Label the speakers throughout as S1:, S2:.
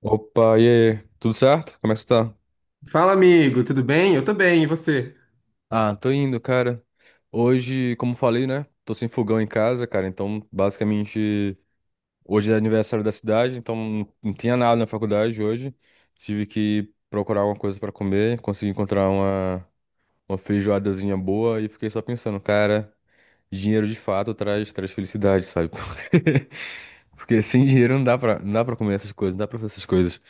S1: Opa, e aí? Tudo certo? Como é que você tá?
S2: Fala, amigo, tudo bem? Eu tô bem, e você?
S1: Ah, tô indo, cara. Hoje, como falei, né? Tô sem fogão em casa, cara. Então, basicamente, hoje é aniversário da cidade, então não tinha nada na faculdade hoje. Tive que procurar alguma coisa pra comer, consegui encontrar uma feijoadazinha boa e fiquei só pensando, cara, dinheiro de fato traz felicidade, sabe? Porque sem dinheiro não dá pra comer essas coisas, não dá pra fazer essas coisas.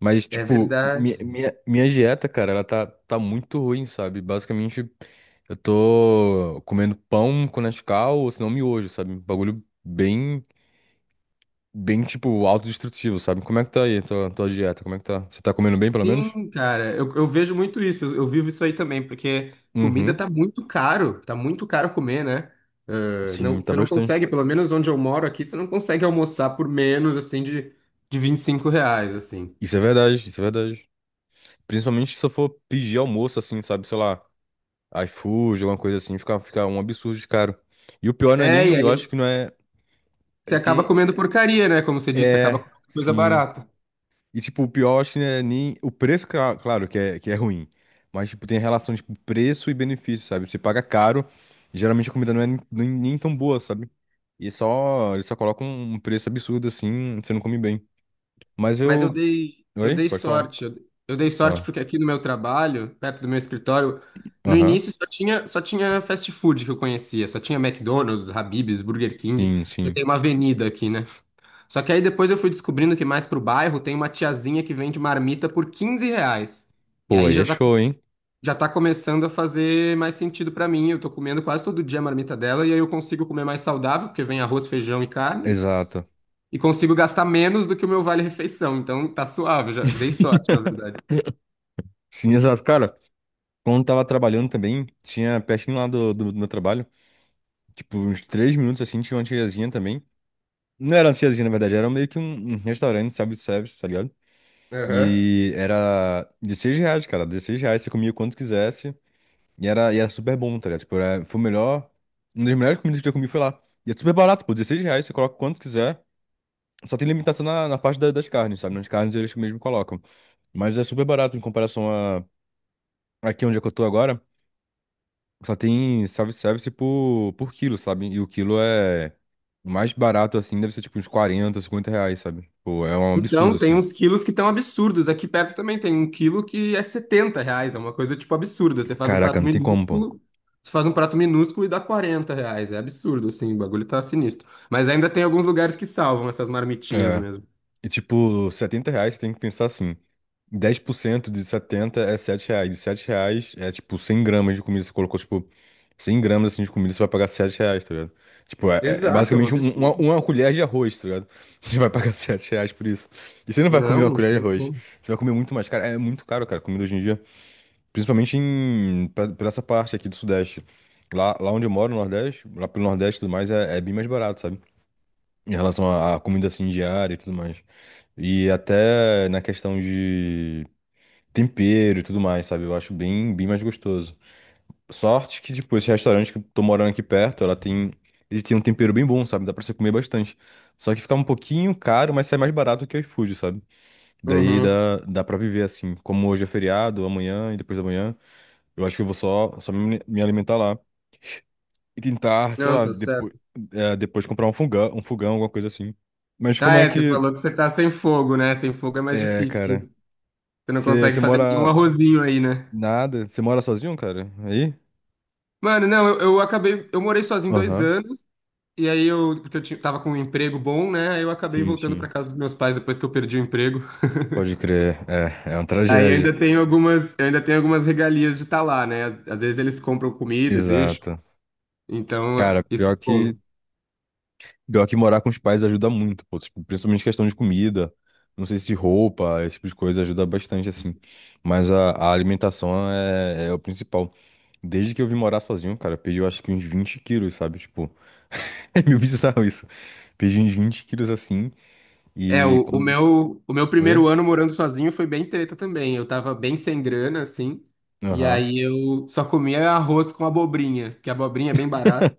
S1: Mas,
S2: É
S1: tipo,
S2: verdade.
S1: minha dieta, cara, tá muito ruim, sabe? Basicamente, eu tô comendo pão com Nescau, ou se não, miojo, sabe? Um bagulho bem, tipo, autodestrutivo, sabe? Como é que tá aí a tua dieta? Como é que tá? Você tá comendo bem, pelo menos?
S2: Sim, cara, eu vejo muito isso, eu vivo isso aí também, porque comida
S1: Uhum.
S2: tá muito caro comer, né? Ah,
S1: Sim,
S2: não,
S1: tá
S2: você não
S1: bastante.
S2: consegue, pelo menos onde eu moro aqui, você não consegue almoçar por menos, assim, de 25 reais, assim.
S1: Isso é verdade, isso é verdade. Principalmente se eu for pedir almoço, assim, sabe? Sei lá, iFood, alguma coisa assim, fica um absurdo de caro. E o pior não é
S2: É, e
S1: nem, eu acho
S2: aí
S1: que não é...
S2: você acaba
S1: Tem,
S2: comendo porcaria, né? Como você disse, acaba
S1: é...
S2: comendo coisa
S1: Sim.
S2: barata.
S1: E, tipo, o pior, acho que não é nem. O preço, claro, que é ruim. Mas, tipo, tem a relação, tipo, preço e benefício, sabe? Você paga caro, e geralmente a comida não é nem, nem tão boa, sabe? E só. Eles só colocam um preço absurdo assim, você não come bem. Mas
S2: Mas eu
S1: eu.
S2: dei, eu
S1: Oi?
S2: dei
S1: Pode falar.
S2: sorte. Eu dei sorte
S1: Ó.
S2: porque aqui no meu trabalho, perto do meu escritório, no
S1: Aham.
S2: início só tinha fast food que eu conhecia, só tinha McDonald's, Habib's, Burger King.
S1: Sim,
S2: Eu
S1: sim.
S2: tenho uma avenida aqui, né? Só que aí depois eu fui descobrindo que mais pro bairro tem uma tiazinha que vende marmita por 15 reais. E
S1: Pô,
S2: aí
S1: aí é
S2: já tá,
S1: show, hein?
S2: já tá começando a fazer mais sentido pra mim. Eu tô comendo quase todo dia a marmita dela e aí eu consigo comer mais saudável, porque vem arroz, feijão e carne
S1: Exato.
S2: e consigo gastar menos do que o meu vale-refeição. Então tá suave, já dei sorte, na verdade.
S1: Sim, exato. Cara, quando eu tava trabalhando também, tinha pertinho lá do meu trabalho, tipo, uns 3 minutos assim, tinha uma tiazinha também. Não era lanchezinha, na verdade, era meio que um restaurante, self-service, tá ligado?
S2: Aham.
S1: E era 16 reais, cara, 16 reais, você comia quanto quisesse, e era super bom, tá ligado? Tipo, foi o melhor, uma das melhores comidas que eu já comi foi lá. E é super barato, pô, 16 reais, você coloca quanto quiser, só tem limitação na parte das carnes, sabe? Nas carnes eles mesmo colocam, mas é super barato em comparação a aqui onde é que eu tô agora, só tem self-service por quilo, sabe? E o quilo é... O mais barato, assim, deve ser tipo uns 40, 50 reais, sabe? Pô, é um absurdo,
S2: Então tem
S1: assim.
S2: uns quilos que estão absurdos. Aqui perto também tem um quilo que é 70 reais, é uma coisa tipo absurda. Você faz um
S1: Caraca,
S2: prato
S1: não tem como, pô.
S2: minúsculo, você faz um prato minúsculo e dá 40 reais. É absurdo, assim, o bagulho tá sinistro. Mas ainda tem alguns lugares que salvam essas marmitinhas
S1: É.
S2: mesmo.
S1: E tipo, 70 reais tem que pensar assim. 10% de 70 é 7 reais. E 7 reais é tipo 100 gramas de comida. Você colocou tipo 100 gramas assim, de comida, você vai pagar 7 reais, tá ligado? Tipo, é
S2: Exato, é um
S1: basicamente
S2: absurdo.
S1: uma colher de arroz, tá ligado? Você vai pagar 7 reais por isso. E você não vai
S2: Não,
S1: comer uma
S2: não
S1: colher de
S2: tem
S1: arroz.
S2: como.
S1: Você vai comer muito mais caro. É muito caro, cara, comida hoje em dia. Principalmente em, pra essa parte aqui do Sudeste. Lá onde eu moro, no Nordeste, lá pelo Nordeste e tudo mais, é, é bem mais barato, sabe? Em relação à à comida assim diária e tudo mais. E até na questão de tempero e tudo mais, sabe? Eu acho bem mais gostoso. Sorte que, tipo, esse restaurante que eu tô morando aqui perto, ela tem. Ele tem um tempero bem bom, sabe? Dá pra você comer bastante. Só que fica um pouquinho caro, mas sai mais barato que o iFood, sabe? Daí
S2: Uhum.
S1: dá pra viver assim. Como hoje é feriado, amanhã e depois da manhã, eu acho que eu vou só me alimentar lá. E tentar, sei
S2: Não,
S1: lá,
S2: tá certo.
S1: depois comprar um fogão, alguma coisa assim. Mas
S2: Ah,
S1: como é
S2: é, você
S1: que.
S2: falou que você tá sem fogo, né? Sem fogo é mais
S1: É,
S2: difícil.
S1: cara.
S2: Você não consegue
S1: Você
S2: fazer nenhum
S1: mora
S2: arrozinho aí, né?
S1: nada? Você mora sozinho, cara? Aí?
S2: Mano, não, eu acabei. Eu morei sozinho dois
S1: Aham.
S2: anos, e aí eu. Porque eu tava com um emprego bom, né? Aí eu acabei
S1: Sim,
S2: voltando pra
S1: sim.
S2: casa dos meus pais depois que eu perdi o emprego.
S1: Pode crer. É, é uma
S2: Aí eu
S1: tragédia.
S2: ainda tenho algumas regalias de estar lá, né? Às vezes eles compram comida, e deixam.
S1: Exato.
S2: Então,
S1: Cara,
S2: isso é bom.
S1: pior que morar com os pais ajuda muito, pô. Tipo, principalmente questão de comida. Não sei se de roupa, esse tipo de coisa ajuda bastante, assim. Mas a alimentação é o principal. Desde que eu vim morar sozinho, cara, eu perdi eu acho que uns 20 quilos, sabe? Tipo, é meio bizarro isso. Perdi uns 20 quilos assim.
S2: É,
S1: E
S2: o, o
S1: quando.
S2: meu, o meu
S1: Oi?
S2: primeiro ano morando sozinho foi bem treta também. Eu tava bem sem grana, assim. E
S1: Aham.
S2: aí eu só comia arroz com abobrinha, que a abobrinha é bem barata.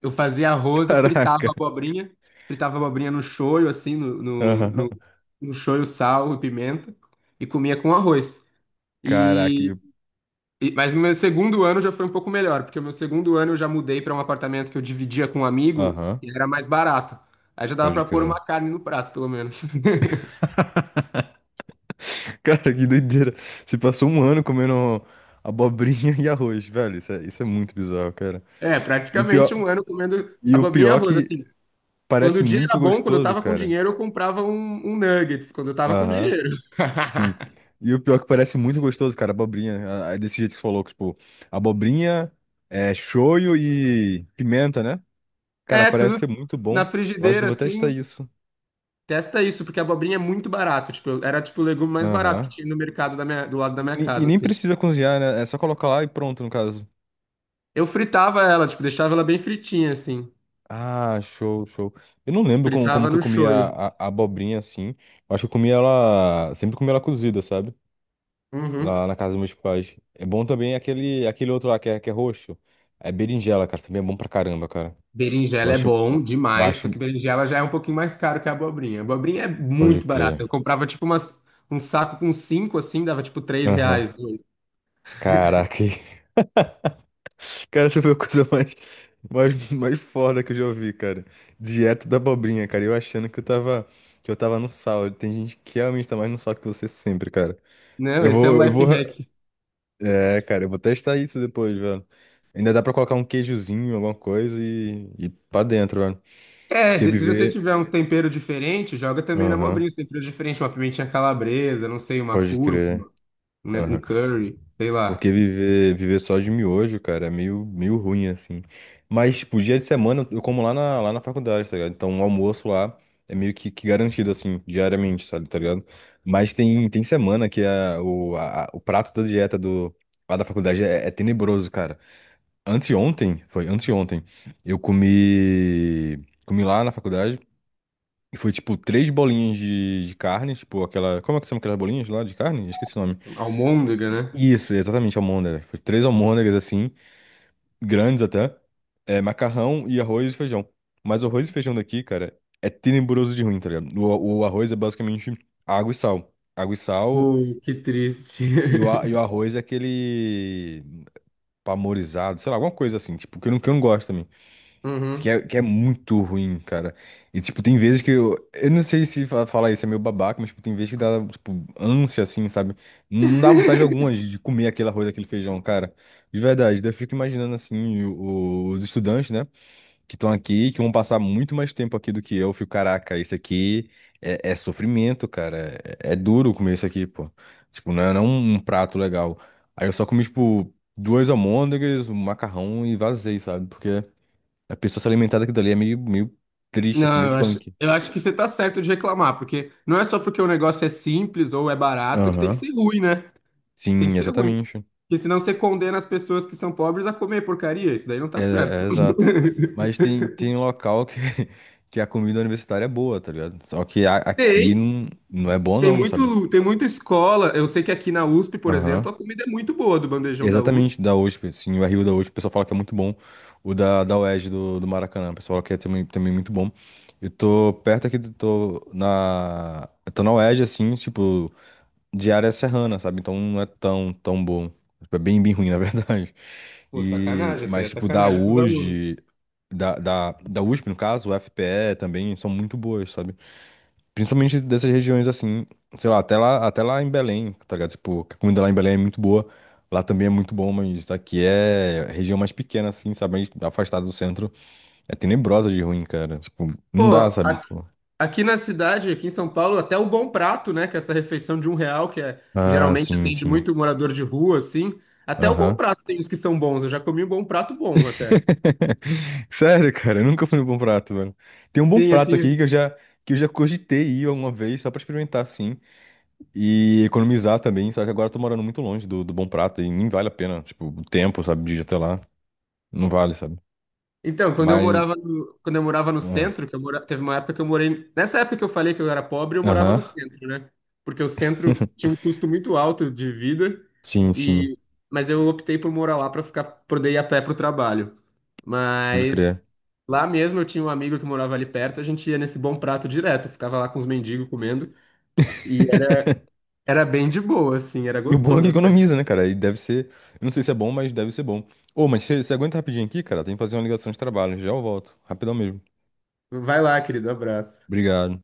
S2: Eu fazia arroz e fritava
S1: Caraca.
S2: abobrinha. Fritava abobrinha no shoyu, assim, no, no,
S1: Aham.
S2: no, no shoyu, sal e pimenta. E comia com arroz.
S1: Caraca,
S2: E,
S1: e-
S2: mas no meu segundo ano já foi um pouco melhor, porque no meu segundo ano eu já mudei para um apartamento que eu dividia com um amigo
S1: aham,
S2: e era mais barato. Aí já dava
S1: pode
S2: para pôr
S1: crer.
S2: uma carne no prato, pelo menos.
S1: Cara, que doideira. Você passou um ano comendo abobrinha e arroz, velho. Isso é muito bizarro, cara.
S2: É,
S1: E o
S2: praticamente
S1: pior,
S2: um ano comendo
S1: e o
S2: abobrinha e
S1: pior
S2: arroz,
S1: que
S2: assim. Quando
S1: parece
S2: o dia era
S1: muito
S2: bom, quando eu
S1: gostoso,
S2: tava com
S1: cara.
S2: dinheiro, eu comprava um nuggets, quando eu tava com
S1: Aham,
S2: dinheiro.
S1: sim. E o pior que parece muito gostoso, cara, abobrinha. Ah, ah, desse jeito que você falou, que, tipo, abobrinha, é, shoyu e pimenta, né? Cara,
S2: É,
S1: parece
S2: tudo
S1: ser muito
S2: na
S1: bom. Eu acho que eu
S2: frigideira,
S1: vou testar
S2: assim.
S1: isso.
S2: Testa isso, porque a abobrinha é muito barato. Tipo, era tipo o legume mais barato que
S1: Aham.
S2: tinha no mercado da do lado da
S1: E,
S2: minha
S1: ne- e
S2: casa,
S1: nem
S2: assim.
S1: precisa cozinhar, né? É só colocar lá e pronto, no caso.
S2: Eu fritava ela, tipo, deixava ela bem fritinha, assim.
S1: Ah, show, show. Eu não lembro como
S2: Fritava
S1: que eu
S2: no
S1: comia
S2: shoyu.
S1: a abobrinha assim. Eu acho que eu comia ela. Sempre comi ela cozida, sabe?
S2: Uhum.
S1: Lá na casa dos meus pais. É bom também aquele outro lá que é roxo. É berinjela, cara. Também é bom pra caramba, cara. Eu
S2: Berinjela é
S1: acho.
S2: bom
S1: Eu
S2: demais, só
S1: acho.
S2: que berinjela já é um pouquinho mais caro que a abobrinha. A abobrinha é
S1: Pode
S2: muito barata. Eu
S1: crer.
S2: comprava, tipo, um saco com cinco, assim, dava, tipo, três
S1: Aham.
S2: reais.
S1: Caraca. Cara, essa foi a coisa mais foda que eu já ouvi, cara. Dieta da abobrinha, cara. Eu achando que eu tava. Que eu tava no sal. Tem gente que realmente tá mais no sal que você sempre, cara.
S2: Não, esse é um
S1: Eu
S2: life
S1: vou.
S2: hack.
S1: É, cara, eu vou testar isso depois, velho. Ainda dá pra colocar um queijozinho, alguma coisa e pra dentro, velho.
S2: É,
S1: Porque
S2: se você
S1: viver.
S2: tiver uns temperos diferentes, joga também na
S1: Aham,
S2: abobrinha, uns temperos diferentes, tipo, uma pimentinha calabresa, não sei, uma
S1: pode crer.
S2: cúrcuma, né, um
S1: Aham.
S2: curry, sei lá.
S1: Porque viver só de miojo, cara, é meio, meio ruim, assim. Mas, tipo, dia de semana eu como lá na faculdade, tá ligado? Então o almoço lá é meio que garantido, assim, diariamente, sabe, tá ligado? Mas tem, tem semana que a, o, a- a- o prato da dieta do, lá da faculdade é tenebroso, cara. Anteontem, foi anteontem, eu comi lá na faculdade e foi tipo três bolinhas de carne, tipo aquela, como é que são aquelas bolinhas lá de carne? Esqueci o nome.
S2: Almôndega, né?
S1: Isso, exatamente, almôndega. Foi três almôndegas assim, grandes até, é, macarrão e arroz e feijão. Mas o arroz e feijão daqui, cara, é tenebroso de ruim, tá ligado? O arroz é basicamente água e sal. Água e sal
S2: Pô, que triste.
S1: e o arroz é aquele pamorizado, sei lá, alguma coisa assim, tipo, que eu não gosto também.
S2: Uhum.
S1: Que é muito ruim, cara. E, tipo, tem vezes que eu. Eu não sei se falar isso é meio babaca, mas, tipo, tem vezes que dá, tipo, ânsia, assim, sabe? Não dá vontade alguma de comer aquele arroz, aquele feijão, cara. De verdade. Daí eu fico imaginando, assim, os estudantes, né? Que estão aqui, que vão passar muito mais tempo aqui do que eu. Eu fico, caraca, isso aqui é, é sofrimento, cara. É, é duro comer isso aqui, pô. Tipo, não é, não é um um prato legal. Aí eu só comi, tipo, duas almôndegas, um macarrão e vazei, sabe? Porque a pessoa se alimentar daquilo dali é meio, meio triste, assim,
S2: Não,
S1: meio
S2: eu acho,
S1: punk.
S2: eu acho que você tá certo de reclamar, porque não é só porque o negócio é simples ou é barato que tem que
S1: Aham.
S2: ser ruim, né? Tem
S1: Sim,
S2: que ser ruim.
S1: exatamente.
S2: Porque senão você condena as pessoas que são pobres a comer porcaria. Isso daí não
S1: É,
S2: tá
S1: é
S2: certo.
S1: exato. Mas tem, tem local que, que a comida universitária é boa, tá ligado? Só que aqui
S2: Tem,
S1: não, não é bom não, sabe?
S2: tem muita escola. Eu sei que aqui na USP, por exemplo,
S1: Aham.
S2: a comida é muito boa do bandejão da USP.
S1: Exatamente, da USP, sim, o RU da USP, o pessoal fala que é muito bom. O da UERJ do Maracanã, o pessoal fala que é também, também muito bom. Eu tô perto aqui, tô na. Eu tô na UERJ, assim, tipo, de área serrana, sabe? Então não é tão, tão bom. Tipo, é bem, bem ruim, na verdade.
S2: Pô,
S1: E,
S2: sacanagem, isso aí
S1: mas,
S2: é
S1: tipo, da
S2: sacanagem com os alunos.
S1: USG, da USP, no caso, o FPE também, são muito boas, sabe? Principalmente dessas regiões, assim, sei lá, até lá em Belém, tá ligado? Tipo, a comida lá em Belém é muito boa. Lá também é muito bom, mas daqui é região mais pequena, assim, sabe? Mais afastada do centro. É tenebrosa de ruim, cara. Tipo, não dá,
S2: Pô,
S1: sabe? Tipo,
S2: aqui na cidade, aqui em São Paulo, até o Bom Prato, né, que é essa refeição de 1 real, que é,
S1: ah,
S2: geralmente
S1: sim,
S2: atende
S1: sim.
S2: muito morador de rua, assim. Até o Bom
S1: Aham.
S2: Prato tem uns que são bons. Eu já comi um Bom Prato bom até.
S1: Sério, cara, eu nunca fui no Bom Prato, velho. Tem um bom
S2: Sim,
S1: prato aqui
S2: aqui.
S1: que que eu já cogitei ir alguma vez, só pra experimentar, assim, e economizar também, só que agora eu tô morando muito longe do Bom Prato e nem vale a pena, tipo, o tempo, sabe, de ir até lá, não vale, sabe?
S2: Então, quando eu
S1: Mas,
S2: morava no, quando eu morava no
S1: ah,
S2: centro, que eu mora, teve uma época que eu morei. Nessa época que eu falei que eu era pobre, eu morava
S1: aham,
S2: no centro, né? Porque o centro tinha um custo muito alto de vida,
S1: sim, sim,
S2: e, mas eu optei por morar lá para ficar, poder ir a pé para o trabalho.
S1: pode
S2: Mas
S1: crer.
S2: lá mesmo eu tinha um amigo que morava ali perto, a gente ia nesse bom prato direto, ficava lá com os mendigos comendo, e era, era bem de boa, assim, era
S1: E o bom é que
S2: gostoso até.
S1: economiza, né, cara? E deve ser, eu não sei se é bom, mas deve ser bom. Ô, mas você aguenta rapidinho aqui, cara? Tem que fazer uma ligação de trabalho, já eu volto, rapidão mesmo.
S2: Vai lá, querido, abraço.
S1: Obrigado.